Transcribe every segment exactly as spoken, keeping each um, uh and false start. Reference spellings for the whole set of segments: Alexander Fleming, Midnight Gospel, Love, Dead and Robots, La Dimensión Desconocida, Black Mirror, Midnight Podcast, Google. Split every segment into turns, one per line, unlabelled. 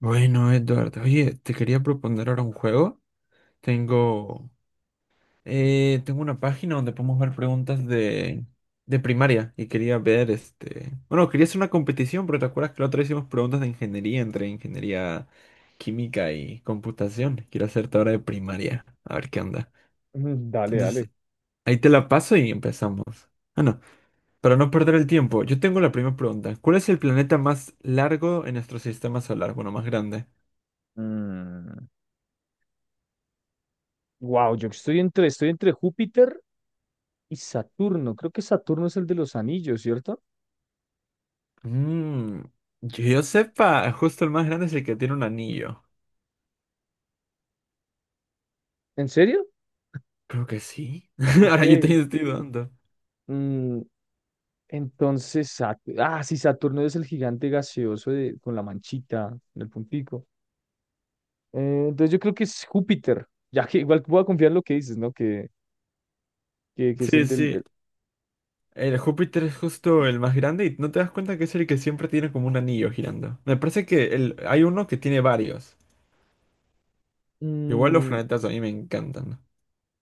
Bueno, Edward, oye, te quería proponer ahora un juego. Tengo, eh, Tengo una página donde podemos ver preguntas de, de primaria y quería ver, este, bueno, quería hacer una competición, pero ¿te acuerdas que la otra vez hicimos preguntas de ingeniería entre ingeniería química y computación? Quiero hacerte ahora de primaria, a ver qué onda.
Mm. Dale,
Entonces,
dale.
ahí te la paso y empezamos. Ah, no, para no perder el tiempo, yo tengo la primera pregunta. ¿Cuál es el planeta más largo en nuestro sistema solar? Bueno, más grande.
Mm, Wow, yo estoy entre, estoy entre Júpiter y Saturno. Creo que Saturno es el de los anillos, ¿cierto?
Mm, que yo sepa, justo el más grande es el que tiene un anillo.
¿En serio?
Creo que sí. Ahora yo
Ok.
te estoy dando.
Mm, entonces, Sat- ah, sí, Saturno es el gigante gaseoso de- con la manchita en el puntico. Eh, entonces yo creo que es Júpiter, ya que igual voy a confiar en lo que dices, ¿no? Que, que, que es
Sí,
el del... eh,
sí. El Júpiter es justo el más grande y no te das cuenta que es el que siempre tiene como un anillo girando. Me parece que el, hay uno que tiene varios. Igual los
mm,
planetas a mí me encantan.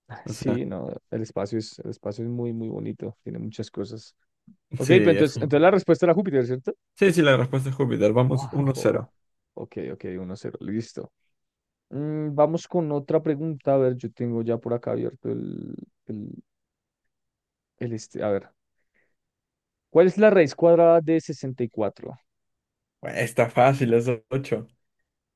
ah,
O sea,
sí, no, el espacio es, el espacio es muy, muy bonito, tiene muchas cosas. Ok,
sí,
pues
es-
entonces, entonces la respuesta era Júpiter, ¿cierto?
sí, sí, la respuesta es Júpiter. Vamos uno cero
Ok, ok, uno cero, listo. Mm, vamos con otra pregunta. A ver, yo tengo ya por acá abierto el, el, el este. A ver, ¿cuál es la raíz cuadrada de sesenta y cuatro?
Bueno, está fácil, es ocho.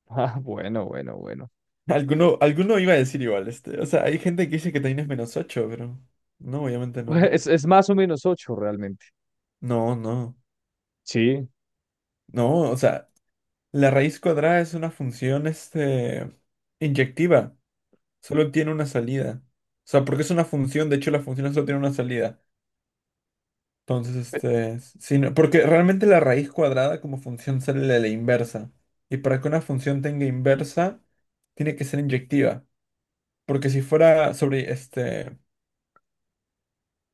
Ah, bueno, bueno, bueno.
Alguno, alguno iba a decir igual este. O sea, hay gente que dice que también es menos ocho, pero no, obviamente no, ¿no?
Es, es más o menos ocho, realmente.
No, no,
Sí,
no, o sea, la raíz cuadrada es una función, este, inyectiva, solo tiene una salida. O sea, porque es una función, de hecho la función solo tiene una salida. Entonces,
pe-
este, si no- porque realmente la raíz cuadrada como función sale de la inversa. Y para que una función tenga inversa, tiene que ser inyectiva. Porque si fuera sobre, este,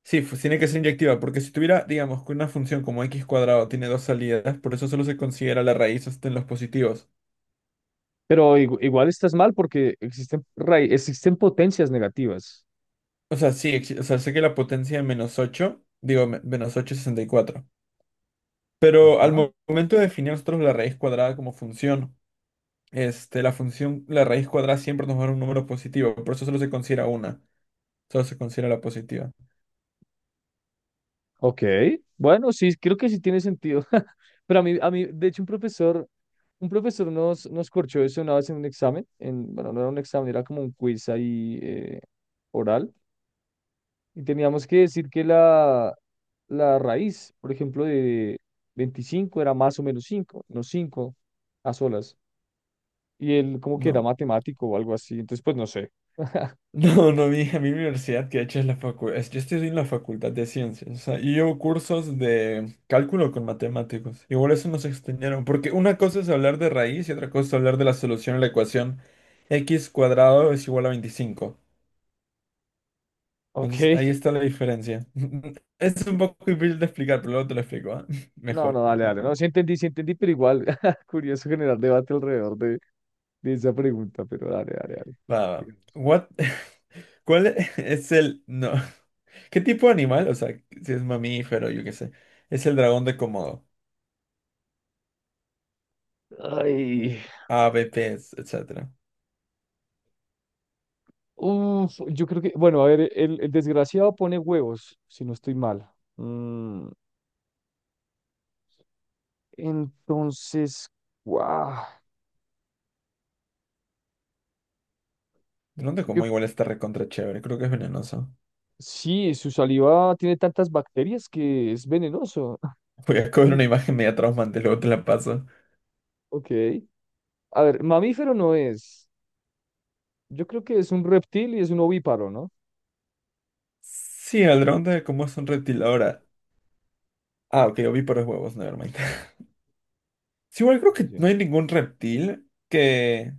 sí, fu- tiene que ser inyectiva, porque si tuviera, digamos, que una función como x cuadrado tiene dos salidas, por eso solo se considera la raíz, este, en los positivos.
pero igu- igual estás mal porque existen, raí- existen potencias negativas.
O sea, sí, ex- o sea, sé que la potencia de menos ocho digo, me- menos ocho es sesenta y cuatro. Pero al
Ajá.
mo- momento de definir nosotros la raíz cuadrada como función, este, la función, la raíz cuadrada siempre nos va a dar un número positivo, por eso solo se considera una, solo se considera la positiva.
Ok, bueno, sí, creo que sí tiene sentido. Pero a mí, a mí, de hecho, un profesor Un profesor nos, nos corchó eso una vez en un examen, en, bueno, no era un examen, era como un quiz ahí eh, oral, y teníamos que decir que la, la raíz, por ejemplo, de veinticinco era más o menos cinco, no cinco a solas, y él como que era
No.
matemático o algo así, entonces pues no sé.
No, no, mi, a mí mi universidad, que de hecho es la facultad, yo estoy en la Facultad de Ciencias, o sea, y llevo cursos de cálculo con matemáticos, igual eso nos extendieron, porque una cosa es hablar de raíz y otra cosa es hablar de la solución a la ecuación x cuadrado es igual a veinticinco,
Ok,
entonces ahí está la diferencia. Es un poco difícil de explicar, pero luego te lo explico, ¿ah?
no,
Mejor.
no, dale, dale, no, sí entendí, sí entendí, pero igual, curioso generar debate alrededor de, de esa pregunta, pero dale, dale, dale.
Va, va. What? ¿Cuál es el... No. ¿Qué tipo de animal? O sea, si es mamífero, yo qué sé, es el dragón de Komodo.
Ay.
AVPs, etcétera.
Uf, yo creo que, bueno, a ver, el, el desgraciado pone huevos, si no estoy mal. Mm, entonces, guau,
Dónde como
yo,
igual está recontra chévere, creo que es venenoso.
sí, su saliva tiene tantas bacterias que es venenoso.
Voy a coger una imagen media traumante, luego te la paso.
Ok. A ver, mamífero no es. Yo creo que es un reptil y es un ovíparo, ¿no?
Sí, el dron de cómo es un reptil ahora. Ah, ok, ovíparos huevos, nevermind. Sí, igual creo que
Sí,
no hay ningún reptil que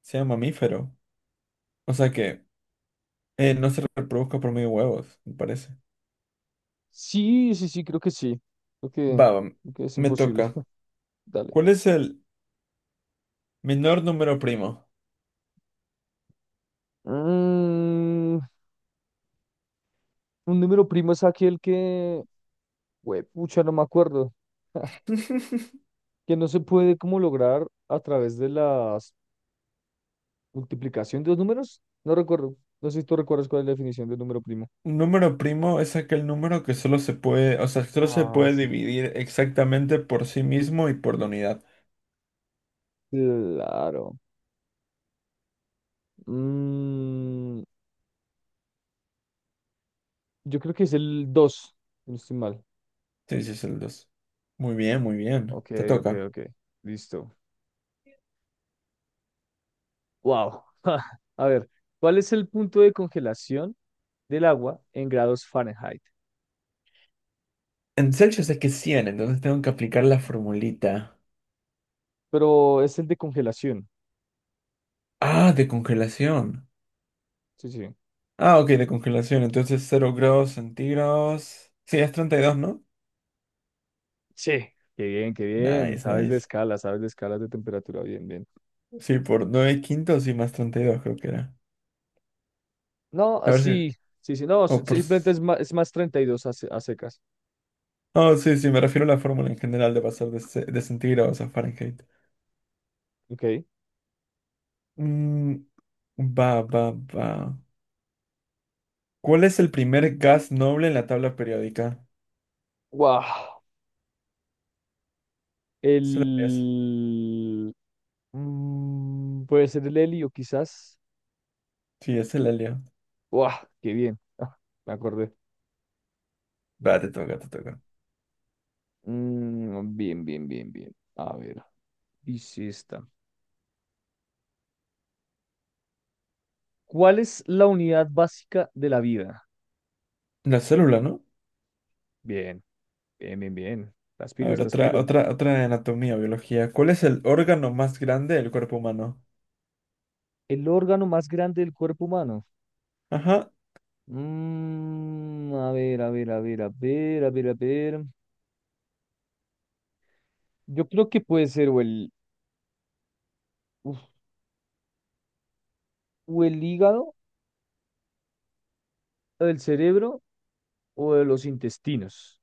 sea mamífero. O sea que eh, no se reproduzca por medio de huevos, me parece.
sí, sí, sí, sí, creo que sí. Creo que,
Va, va,
creo que es
me
imposible.
toca.
Dale.
¿Cuál es el menor número primo?
Mm, un número primo es aquel que... Güey, pucha, no me acuerdo. que no se puede como lograr a través de la multiplicación de los números. No recuerdo. No sé si tú recuerdas cuál es la definición de número primo.
Un número primo es aquel número que solo se puede, o sea, solo se
Ah,
puede
sí.
dividir exactamente por sí mismo y por la unidad.
Claro. Mm, yo creo que es el dos si no estoy mal.
Sí, sí, es el dos. Muy bien, muy bien.
Ok,
Te
ok,
toca.
ok. Listo. Wow. A ver, ¿cuál es el punto de congelación del agua en grados Fahrenheit?
En Celsius es que es cien, entonces tengo que aplicar la formulita.
Pero es el de congelación.
Ah, de congelación.
Sí, sí.
Ah, ok, de congelación. Entonces cero grados centígrados. Sí, es treinta y dos, ¿no?
Sí. Qué bien, qué bien.
Nice,
Sabes de
nice.
escala, sabes de escalas de temperatura. Bien, bien.
Sí, por nueve quintos y más treinta y dos creo que era.
No,
A
ah,
ver si...
sí, sí, sí, no,
O
si-
por...
simplemente
s-
es más, es más treinta y dos a, se- a secas.
Oh, sí, sí, me refiero a la fórmula en general de pasar de, ce- de centígrados a Fahrenheit.
Ok.
Mm, va, va, va. ¿Cuál es el primer gas noble en la tabla periódica?
Wow.
Se lo lees.
El... mm, Puede ser el helio, quizás.
Sí, ese la leo.
Wow, qué bien. Ah, me acordé.
Va, te toca, te toca.
Mm, bien, bien, bien, bien. A ver, dice esta. ¿Cuál es la unidad básica de la vida?
La célula, ¿no?
Bien, bien, bien, bien. Estás
A
pilo,
ver,
estás
otra,
pilo.
otra, otra de anatomía, biología. ¿Cuál es el órgano más grande del cuerpo humano?
El órgano más grande del cuerpo humano.
Ajá.
Mm, a ver, a ver, a ver, a ver, a ver, a ver. Yo creo que puede ser o el, uf, o el hígado, o el cerebro, o de los intestinos.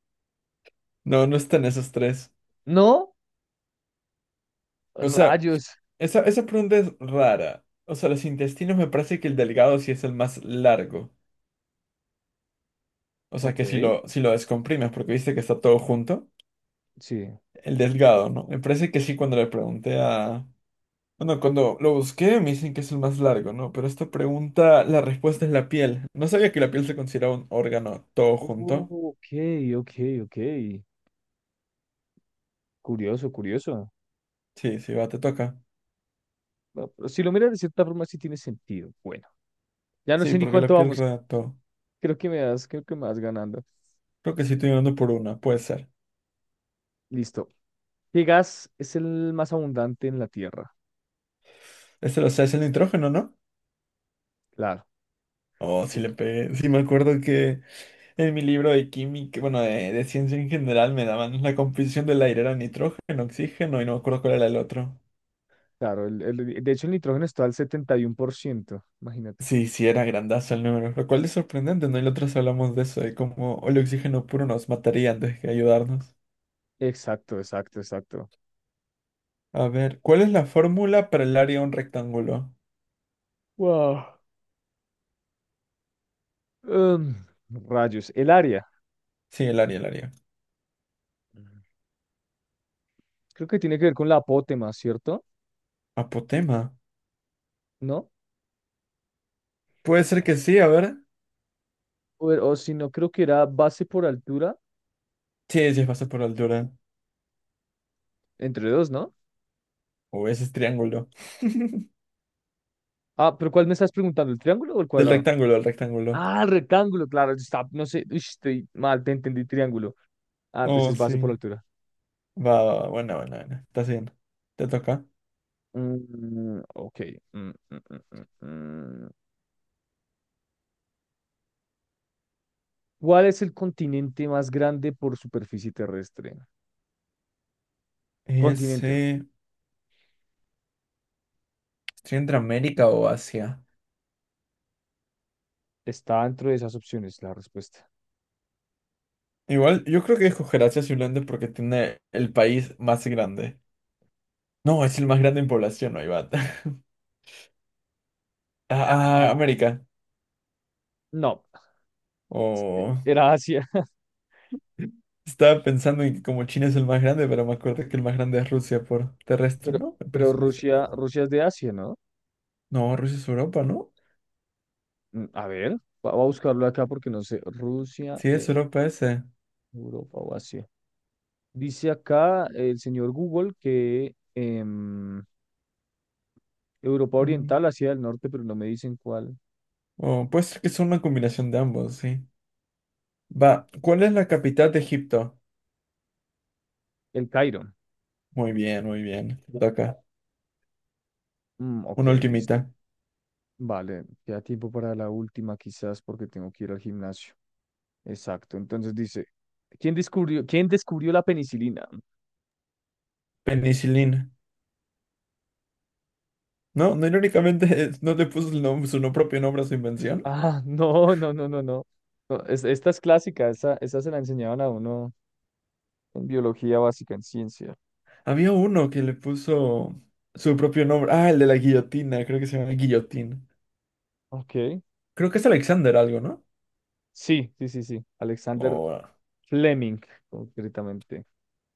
No, no están esos tres.
¿No?
O sea,
Rayos.
esa, esa pregunta es rara. O sea, los intestinos me parece que el delgado sí es el más largo. O sea,
Ok,
que si lo, si lo descomprimes, porque viste que está todo junto.
sí.
El delgado, ¿no? Me parece que sí cuando le pregunté a... Bueno, cuando lo busqué me dicen que es el más largo, ¿no? Pero esta pregunta, la respuesta es la piel. No sabía que la piel se consideraba un órgano todo
Oh,
junto.
ok, ok, ok. Curioso, curioso.
Sí, sí, va, te toca.
Bueno, pero si lo miras de cierta forma, sí tiene sentido. Bueno, ya no
Sí,
sé ni
porque la
cuánto
piel
vamos.
rodea todo.
Creo que me das, creo que me vas ganando.
Creo que sí estoy ganando por una, puede ser.
Listo. ¿Qué gas es el más abundante en la Tierra?
Este lo sé, es el nitrógeno, ¿no?
Claro,
Oh, sí
sí,
le pegué. Sí, me acuerdo que en mi libro de química, bueno, de, de ciencia en general, me daban la composición del aire, era nitrógeno, oxígeno y no me acuerdo cuál era el otro.
claro. el- el- de hecho, el nitrógeno está al setenta y uno por ciento. Imagínate.
Sí, sí, era grandazo el número, lo cual es sorprendente, ¿no? Y la otra vez hablamos de eso, de cómo el oxígeno puro nos mataría antes que ayudarnos.
Exacto, exacto, exacto.
A ver, ¿cuál es la fórmula para el área de un rectángulo?
Wow. Em, Rayos. El área.
Sí, el área, el área.
Creo que tiene que ver con la apótema, ¿cierto?
Apotema.
¿No?
Puede ser que sí, a ver.
O, o si no, creo que era base por altura
Sí, sí, es base por altura.
entre dos, ¿no?
O ese es triángulo.
Ah, pero ¿cuál me estás preguntando? ¿El triángulo o el
Del
cuadrado?
rectángulo, del rectángulo.
Ah, el rectángulo, claro. Está, no sé, uy, estoy mal, te entendí triángulo. Ah,
Oh,
entonces base por
sí.
altura.
Va, va, va, buena, buena, buena. Estás bien. Te toca.
Mm, ok. Mm, mm, mm, mm, mm. ¿Cuál es el continente más grande por superficie terrestre? Continente.
Ese. ¿Estoy entre América o Asia?
Está dentro de esas opciones la respuesta.
Igual, yo creo que escoger Asia simplemente porque tiene el país más grande. No, es el más grande en población, no hay bat. Ah, ah,
Mm,
América.
no,
Oh.
era Asia.
Estaba pensando en que como China es el más grande, pero me acuerdo que el más grande es Rusia por terrestre,
Pero,
¿no? Me
pero
parece que es...
Rusia,
oh.
Rusia es de Asia, ¿no?
No, Rusia es Europa, ¿no?
Mm, A ver, va- voy a buscarlo acá porque no sé. Rusia,
Sí, es
eh,
Europa ese.
Europa o Asia. Dice acá el señor Google que em, Europa
Mm.
Oriental, Asia del Norte, pero no me dicen cuál.
Oh, puede ser que es una combinación de ambos, sí. Va, ¿cuál es la capital de Egipto?
El Cairo.
Muy bien, muy bien. Te toca.
Mm, ok,
Una
listo.
ultimita.
Vale, queda tiempo para la última quizás porque tengo que ir al gimnasio. Exacto. Entonces dice, ¿quién descubrió, quién descubrió la penicilina?
Penicilina. No, no, irónicamente es- no le puso el nom- su no- propio nombre a su invención.
Ah, no, no, no, no, no. No, es- esta es clásica, esa, esa se la enseñaban a uno en biología básica, en ciencia.
Había uno que le puso su propio nombre. Ah, el de la guillotina, creo que se llama Guillotín.
Ok.
Creo que es Alexander algo, ¿no?
Sí, sí, sí, sí. Alexander
O, ah.
Fleming, concretamente.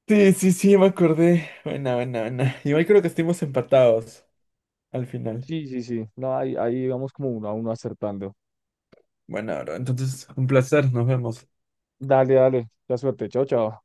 Sí, sí, sí, me acordé. Buena, buena, buena. Igual creo que estuvimos empatados al final.
Sí, sí, sí. No, ahí, ahí vamos como uno a uno acertando.
Bueno, bro, entonces un placer, nos vemos.
Dale, dale. La suerte. Chao, chao.